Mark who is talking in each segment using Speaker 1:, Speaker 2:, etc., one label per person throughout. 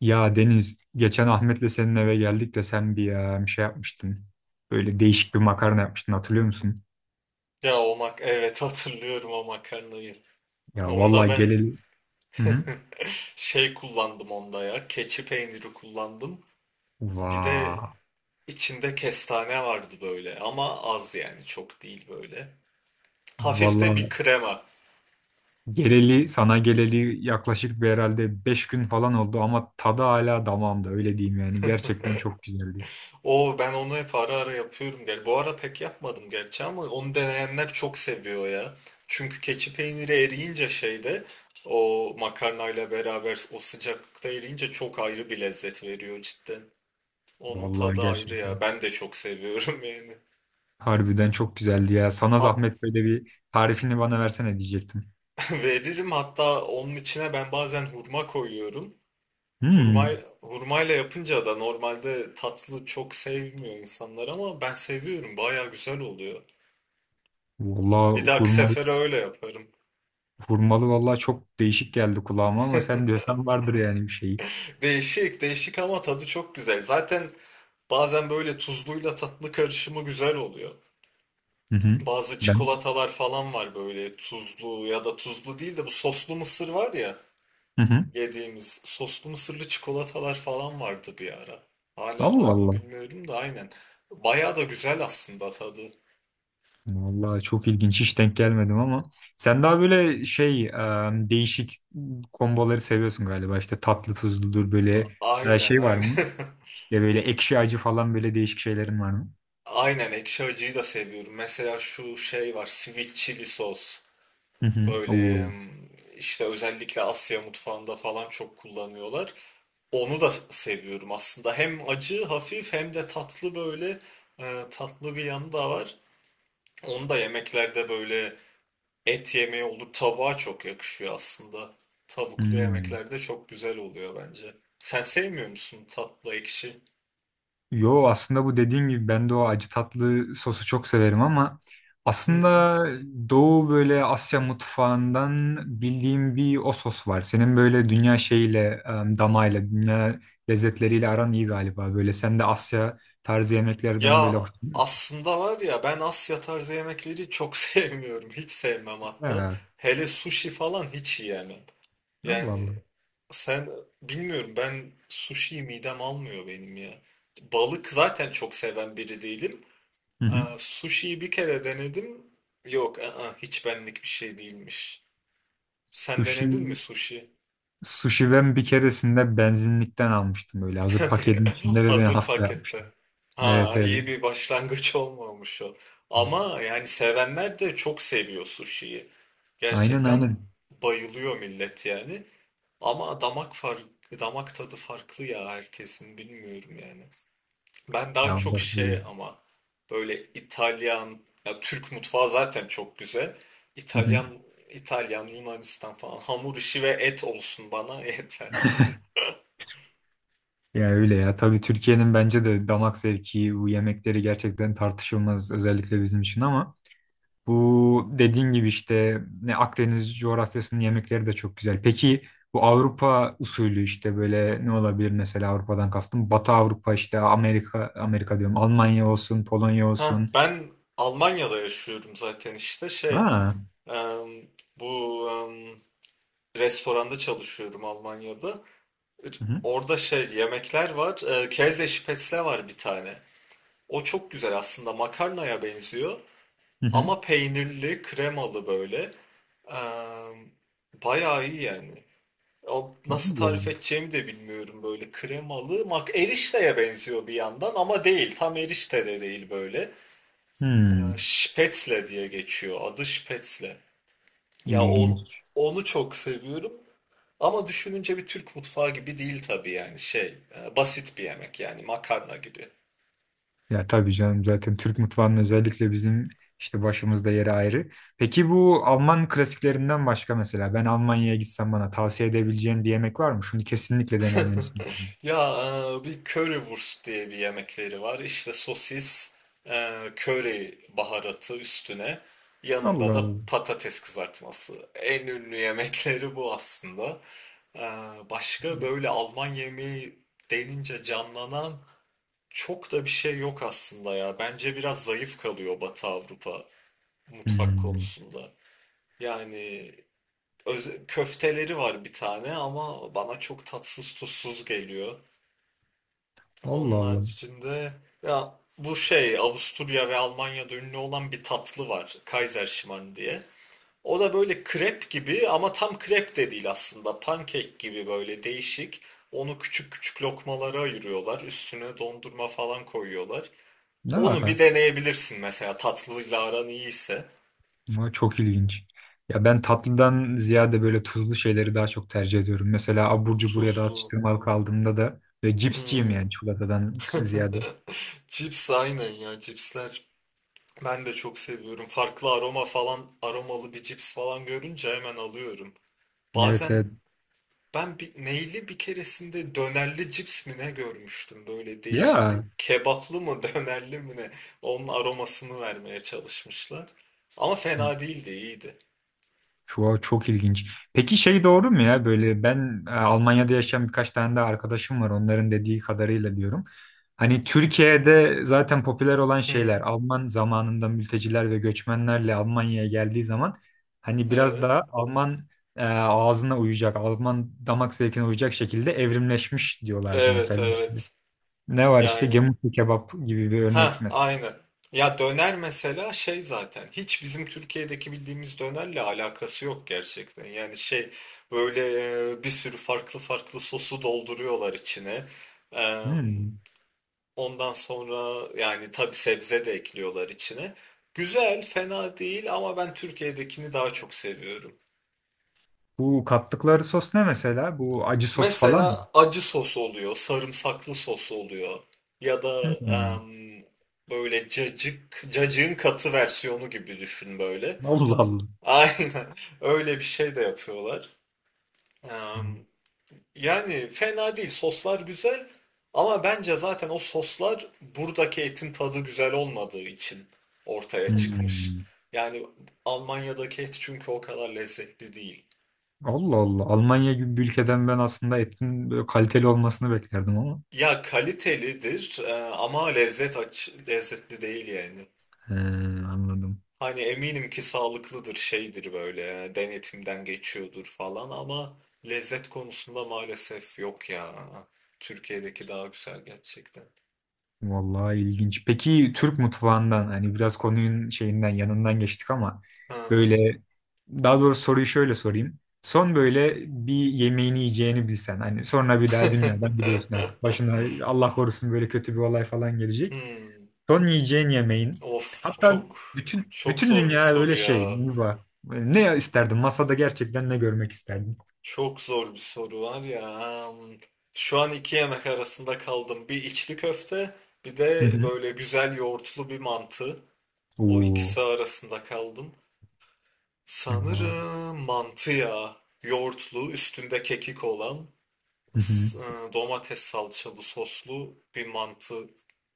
Speaker 1: Ya Deniz, geçen Ahmet'le senin eve geldik de sen bir şey yapmıştın. Böyle değişik bir makarna yapmıştın, hatırlıyor musun?
Speaker 2: Ya o mak evet hatırlıyorum o makarnayı.
Speaker 1: Ya
Speaker 2: Onda
Speaker 1: vallahi
Speaker 2: ben
Speaker 1: geleli... Hı hı.
Speaker 2: şey kullandım onda ya. Keçi peyniri kullandım. Bir de
Speaker 1: Vaa.
Speaker 2: içinde kestane vardı böyle ama az yani çok değil böyle. Hafif de bir
Speaker 1: Vallahi
Speaker 2: krema.
Speaker 1: sana geleli yaklaşık bir, herhalde 5 gün falan oldu ama tadı hala damağımda, öyle diyeyim yani. Gerçekten çok güzeldi.
Speaker 2: O ben onu hep ara ara yapıyorum. Gel bu ara pek yapmadım gerçi ama onu deneyenler çok seviyor ya. Çünkü keçi peyniri eriyince şeyde o makarnayla beraber o sıcaklıkta eriyince çok ayrı bir lezzet veriyor cidden. Onun
Speaker 1: Vallahi
Speaker 2: tadı ayrı
Speaker 1: gerçekten.
Speaker 2: ya. Ben de çok seviyorum yani.
Speaker 1: Harbiden çok güzeldi ya. Sana
Speaker 2: Hat
Speaker 1: zahmet, böyle bir tarifini bana versene diyecektim.
Speaker 2: veririm, hatta onun içine ben bazen hurma koyuyorum. Hurma
Speaker 1: Hmm.
Speaker 2: hurmayla yapınca da normalde tatlı çok sevmiyor insanlar ama ben seviyorum. Baya güzel oluyor. Bir
Speaker 1: Vallahi
Speaker 2: dahaki
Speaker 1: hurma.
Speaker 2: sefere öyle yaparım.
Speaker 1: Hurmalı vallahi çok değişik geldi kulağıma ama sen diyorsan vardır yani bir şeyi.
Speaker 2: Değişik, değişik ama tadı çok güzel. Zaten bazen böyle tuzluyla tatlı karışımı güzel oluyor.
Speaker 1: Hı hı.
Speaker 2: Bazı
Speaker 1: Ben,
Speaker 2: çikolatalar falan var, böyle tuzlu ya da tuzlu değil de bu soslu mısır var ya.
Speaker 1: hı hı.
Speaker 2: Yediğimiz soslu mısırlı çikolatalar falan vardı bir ara. Hala
Speaker 1: Allah
Speaker 2: var mı
Speaker 1: Allah.
Speaker 2: bilmiyorum da, aynen. Bayağı da güzel aslında tadı.
Speaker 1: Vallahi çok ilginç, hiç denk gelmedim ama sen daha böyle değişik komboları seviyorsun galiba. İşte tatlı tuzludur, böyle mesela
Speaker 2: Aynen,
Speaker 1: şey var
Speaker 2: aynen.
Speaker 1: mı? İşte böyle ekşi acı falan, böyle değişik şeylerin var mı?
Speaker 2: Aynen, ekşi acıyı da seviyorum. Mesela şu şey var, sweet chili sos.
Speaker 1: Hı hı.
Speaker 2: Böyle
Speaker 1: Oo.
Speaker 2: işte özellikle Asya mutfağında falan çok kullanıyorlar. Onu da seviyorum aslında. Hem acı hafif hem de tatlı böyle, tatlı bir yanı da var. Onu da yemeklerde böyle et yemeği olur. Tavuğa çok yakışıyor aslında. Tavuklu
Speaker 1: Hmm.
Speaker 2: yemekler de çok güzel oluyor bence. Sen sevmiyor musun tatlı ekşi?
Speaker 1: Yo, aslında bu dediğin gibi ben de o acı tatlı sosu çok severim ama
Speaker 2: Hı hı.
Speaker 1: aslında Doğu, böyle Asya mutfağından bildiğim bir o sos var. Senin böyle dünya damağıyla, dünya lezzetleriyle aran iyi galiba. Böyle sen de Asya tarzı yemeklerden
Speaker 2: Ya
Speaker 1: böyle hoşlanıyorsun.
Speaker 2: aslında var ya, ben Asya tarzı yemekleri çok sevmiyorum. Hiç sevmem hatta.
Speaker 1: Ha,
Speaker 2: Hele sushi falan hiç yiyemem.
Speaker 1: Allah
Speaker 2: Yani
Speaker 1: Allah.
Speaker 2: sen, bilmiyorum, ben sushi midem almıyor benim ya. Balık zaten çok seven biri değilim.
Speaker 1: Hı hı.
Speaker 2: Aa, sushi'yi bir kere denedim. Yok, aa, hiç benlik bir şey değilmiş. Sen
Speaker 1: Sushi,
Speaker 2: denedin mi sushi?
Speaker 1: sushi ben bir keresinde benzinlikten almıştım, böyle hazır paketin içinde, ve beni
Speaker 2: Hazır
Speaker 1: hasta yapmıştı.
Speaker 2: pakette.
Speaker 1: Evet
Speaker 2: Ha,
Speaker 1: evet.
Speaker 2: iyi bir başlangıç olmamış o. Ama yani sevenler de çok seviyor sushi'yi.
Speaker 1: Aynen
Speaker 2: Gerçekten
Speaker 1: aynen.
Speaker 2: bayılıyor millet yani. Ama damak farkı, damak tadı farklı ya herkesin, bilmiyorum yani. Ben daha
Speaker 1: Ya
Speaker 2: çok
Speaker 1: bak
Speaker 2: şey
Speaker 1: böyle.
Speaker 2: ama böyle İtalyan, ya Türk mutfağı zaten çok güzel.
Speaker 1: Hı hı.
Speaker 2: İtalyan, İtalyan, Yunanistan falan, hamur işi ve et olsun bana yeter.
Speaker 1: Ya öyle ya. Tabii Türkiye'nin bence de damak zevki, bu yemekleri gerçekten tartışılmaz, özellikle bizim için, ama bu dediğin gibi işte ne Akdeniz coğrafyasının yemekleri de çok güzel. Peki bu Avrupa usulü işte böyle ne olabilir, mesela Avrupa'dan kastım? Batı Avrupa, işte Amerika diyorum. Almanya olsun, Polonya
Speaker 2: Ha,
Speaker 1: olsun.
Speaker 2: ben Almanya'da yaşıyorum zaten, işte şey
Speaker 1: Ha.
Speaker 2: em, bu restoranda çalışıyorum Almanya'da. R-
Speaker 1: Hı hı.
Speaker 2: Orada şey yemekler var. Käse Spätzle var bir tane. O çok güzel aslında, makarnaya benziyor
Speaker 1: Hı hı.
Speaker 2: ama peynirli, kremalı böyle. Em, bayağı iyi yani. O
Speaker 1: Allah
Speaker 2: nasıl tarif
Speaker 1: Allah.
Speaker 2: edeceğimi de bilmiyorum, böyle kremalı. Mak erişteye benziyor bir yandan ama değil. Tam erişte de değil böyle.
Speaker 1: Hmm.
Speaker 2: Spätzle diye geçiyor. Adı Spätzle. Ya o,
Speaker 1: İlginç.
Speaker 2: onu çok seviyorum. Ama düşününce bir Türk mutfağı gibi değil tabii, yani şey basit bir yemek yani, makarna gibi.
Speaker 1: Ya tabii canım, zaten Türk mutfağının özellikle bizim işte başımızda yeri ayrı. Peki bu Alman klasiklerinden başka mesela, ben Almanya'ya gitsem bana tavsiye edebileceğin bir yemek var mı? Şunu kesinlikle denemelisin.
Speaker 2: Ya bir currywurst diye bir yemekleri var. İşte sosis, köri baharatı üstüne, yanında
Speaker 1: Allah
Speaker 2: da
Speaker 1: Allah.
Speaker 2: patates kızartması. En ünlü yemekleri bu aslında. E, başka böyle Alman yemeği denince canlanan çok da bir şey yok aslında ya. Bence biraz zayıf kalıyor Batı Avrupa mutfak
Speaker 1: Hmm.
Speaker 2: konusunda. Yani öz- köfteleri var bir tane ama bana çok tatsız tuzsuz geliyor.
Speaker 1: Allah
Speaker 2: Onun
Speaker 1: Allah.
Speaker 2: içinde ya bu şey, Avusturya ve Almanya'da ünlü olan bir tatlı var. Kaiserschmarrn diye. O da böyle krep gibi ama tam krep de değil aslında. Pankek gibi böyle değişik. Onu küçük küçük lokmalara ayırıyorlar. Üstüne dondurma falan koyuyorlar. Onu
Speaker 1: Aa,
Speaker 2: bir deneyebilirsin mesela, tatlıyla aran iyiyse.
Speaker 1: bu çok ilginç. Ya ben tatlıdan ziyade böyle tuzlu şeyleri daha çok tercih ediyorum. Mesela abur cubur ya da
Speaker 2: Tuzlu.
Speaker 1: atıştırmalık aldığımda da, ve cipsçiyim
Speaker 2: Hmm.
Speaker 1: yani, çikolatadan ziyade.
Speaker 2: Cips, aynen ya, cipsler. Ben de çok seviyorum. Farklı aroma falan, aromalı bir cips falan görünce hemen alıyorum.
Speaker 1: Evet
Speaker 2: Bazen
Speaker 1: evet.
Speaker 2: ben bir, neyli, bir keresinde dönerli cips mi ne görmüştüm, böyle değişik.
Speaker 1: Ya.
Speaker 2: Kebaplı mı dönerli mi ne? Onun aromasını vermeye çalışmışlar. Ama fena değildi, iyiydi.
Speaker 1: Çok, çok ilginç. Peki şey doğru mu ya, böyle ben Almanya'da yaşayan birkaç tane de arkadaşım var, onların dediği kadarıyla diyorum. Hani Türkiye'de zaten popüler olan şeyler
Speaker 2: Hı,
Speaker 1: Alman zamanında mülteciler ve göçmenlerle Almanya'ya geldiği zaman, hani biraz
Speaker 2: evet.
Speaker 1: daha Alman ağzına uyacak, Alman damak zevkine uyacak şekilde evrimleşmiş diyorlardı
Speaker 2: Evet,
Speaker 1: mesela. İşte
Speaker 2: evet.
Speaker 1: ne var işte
Speaker 2: Yani,
Speaker 1: gemutlu kebap gibi bir örnek
Speaker 2: ha,
Speaker 1: mesela.
Speaker 2: aynı. Ya döner mesela şey, zaten hiç bizim Türkiye'deki bildiğimiz dönerle alakası yok gerçekten. Yani şey böyle bir sürü farklı farklı sosu dolduruyorlar içine. Eee,
Speaker 1: Hmm.
Speaker 2: Ondan sonra yani tabii sebze de ekliyorlar içine. Güzel, fena değil ama ben Türkiye'dekini daha çok seviyorum.
Speaker 1: Bu kattıkları sos ne mesela? Bu acı sos falan mı?
Speaker 2: Mesela acı sos oluyor, sarımsaklı sos oluyor ya da
Speaker 1: Hmm.
Speaker 2: em, böyle cacık, cacığın katı versiyonu gibi düşün böyle.
Speaker 1: Allah Allah.
Speaker 2: Aynen öyle bir şey de yapıyorlar. Em, yani fena değil, soslar güzel ama bence zaten o soslar buradaki etin tadı güzel olmadığı için ortaya çıkmış.
Speaker 1: Hmm.
Speaker 2: Yani Almanya'daki et çünkü o kadar lezzetli değil.
Speaker 1: Allah Allah. Almanya gibi bir ülkeden ben aslında etin böyle kaliteli olmasını beklerdim ama.
Speaker 2: Ya kalitelidir ama lezzet, aç, lezzetli değil yani.
Speaker 1: He, anladım.
Speaker 2: Hani eminim ki sağlıklıdır, şeydir, böyle denetimden geçiyordur falan ama lezzet konusunda maalesef yok ya. Türkiye'deki daha güzel gerçekten.
Speaker 1: Vallahi ilginç. Peki Türk mutfağından, hani biraz konunun şeyinden yanından geçtik ama,
Speaker 2: Ha.
Speaker 1: böyle, daha doğrusu soruyu şöyle sorayım. Son böyle bir yemeğini yiyeceğini bilsen, hani sonra bir daha dünyadan, biliyorsun artık başına Allah korusun böyle kötü bir olay falan gelecek.
Speaker 2: Hmm.
Speaker 1: Son yiyeceğin yemeğin.
Speaker 2: Of
Speaker 1: Hatta
Speaker 2: çok,
Speaker 1: bütün
Speaker 2: çok
Speaker 1: bütün
Speaker 2: zor bir
Speaker 1: dünya
Speaker 2: soru
Speaker 1: öyle şey,
Speaker 2: ya.
Speaker 1: yuva. Ne isterdin? Masada gerçekten ne görmek isterdin?
Speaker 2: Çok zor bir soru var ya. Hmm. Şu an iki yemek arasında kaldım. Bir içli köfte, bir
Speaker 1: Hı
Speaker 2: de
Speaker 1: hı.
Speaker 2: böyle güzel yoğurtlu bir mantı. O
Speaker 1: Oo.
Speaker 2: ikisi arasında kaldım.
Speaker 1: Oo.
Speaker 2: Sanırım mantı ya. Yoğurtlu, üstünde kekik olan,
Speaker 1: Hı hı.
Speaker 2: s- domates salçalı soslu bir mantı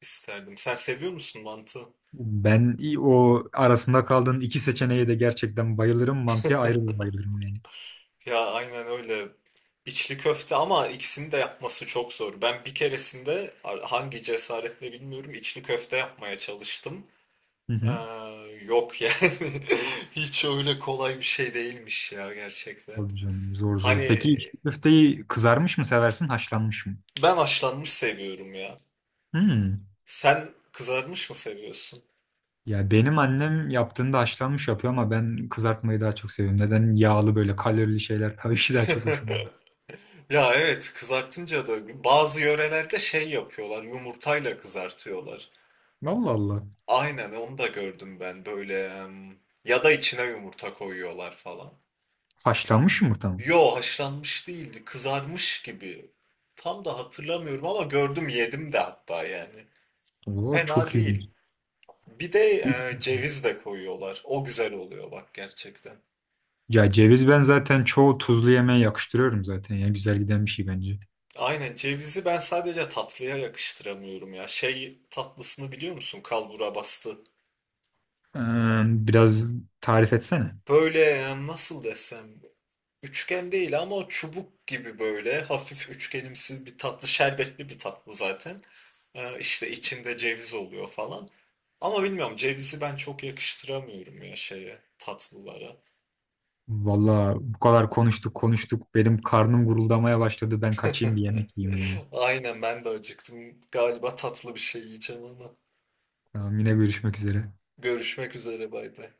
Speaker 2: isterdim. Sen seviyor musun mantı?
Speaker 1: O arasında kaldığın iki seçeneğe de gerçekten bayılırım. Mantıya ayrı bir bayılırım yani.
Speaker 2: Ya aynen öyle. İçli köfte, ama ikisini de yapması çok zor. Ben bir keresinde ar- hangi cesaretle bilmiyorum, içli köfte yapmaya çalıştım.
Speaker 1: Hı
Speaker 2: Ee,
Speaker 1: hı.
Speaker 2: yok yani. Hiç öyle kolay bir şey değilmiş ya gerçekten.
Speaker 1: Tabii canım, zor zor. Peki
Speaker 2: Hani
Speaker 1: içli köfteyi kızarmış mı seversin, haşlanmış mı?
Speaker 2: ben haşlanmış seviyorum ya.
Speaker 1: Hmm.
Speaker 2: Sen kızarmış mı seviyorsun?
Speaker 1: Ya benim annem yaptığında haşlanmış yapıyor ama ben kızartmayı daha çok seviyorum. Neden, yağlı böyle kalorili şeyler tabii ki daha çok hoşuma gidiyor.
Speaker 2: Ya evet, kızartınca da bazı yörelerde şey yapıyorlar, yumurtayla kızartıyorlar.
Speaker 1: Allah Allah.
Speaker 2: Aynen, onu da gördüm ben böyle ya da içine yumurta koyuyorlar falan.
Speaker 1: Haşlanmış yumurta mı?
Speaker 2: Yo, haşlanmış değildi, kızarmış gibi. Tam da hatırlamıyorum ama gördüm, yedim de hatta yani.
Speaker 1: Oo,
Speaker 2: Fena
Speaker 1: çok
Speaker 2: değil.
Speaker 1: ilginç.
Speaker 2: Bir de ceviz de koyuyorlar. O güzel oluyor bak, gerçekten.
Speaker 1: Ya ceviz, ben zaten çoğu tuzlu yemeğe yakıştırıyorum zaten ya. Güzel giden bir şey bence.
Speaker 2: Aynen, cevizi ben sadece tatlıya yakıştıramıyorum ya. Şey tatlısını biliyor musun? Kalbura bastı.
Speaker 1: Ee, Biraz tarif etsene.
Speaker 2: Böyle nasıl desem, üçgen değil ama o çubuk gibi, böyle hafif üçgenimsi bir tatlı, şerbetli bir tatlı zaten. İşte içinde ceviz oluyor falan. Ama bilmiyorum, cevizi ben çok yakıştıramıyorum ya şeye, tatlılara.
Speaker 1: Valla bu kadar konuştuk konuştuk. Benim karnım guruldamaya başladı. Ben kaçayım, bir yemek yiyeyim yine.
Speaker 2: Aynen, ben de acıktım. Galiba tatlı bir şey yiyeceğim ama.
Speaker 1: Tamam, yine görüşmek üzere.
Speaker 2: Görüşmek üzere, bay bay.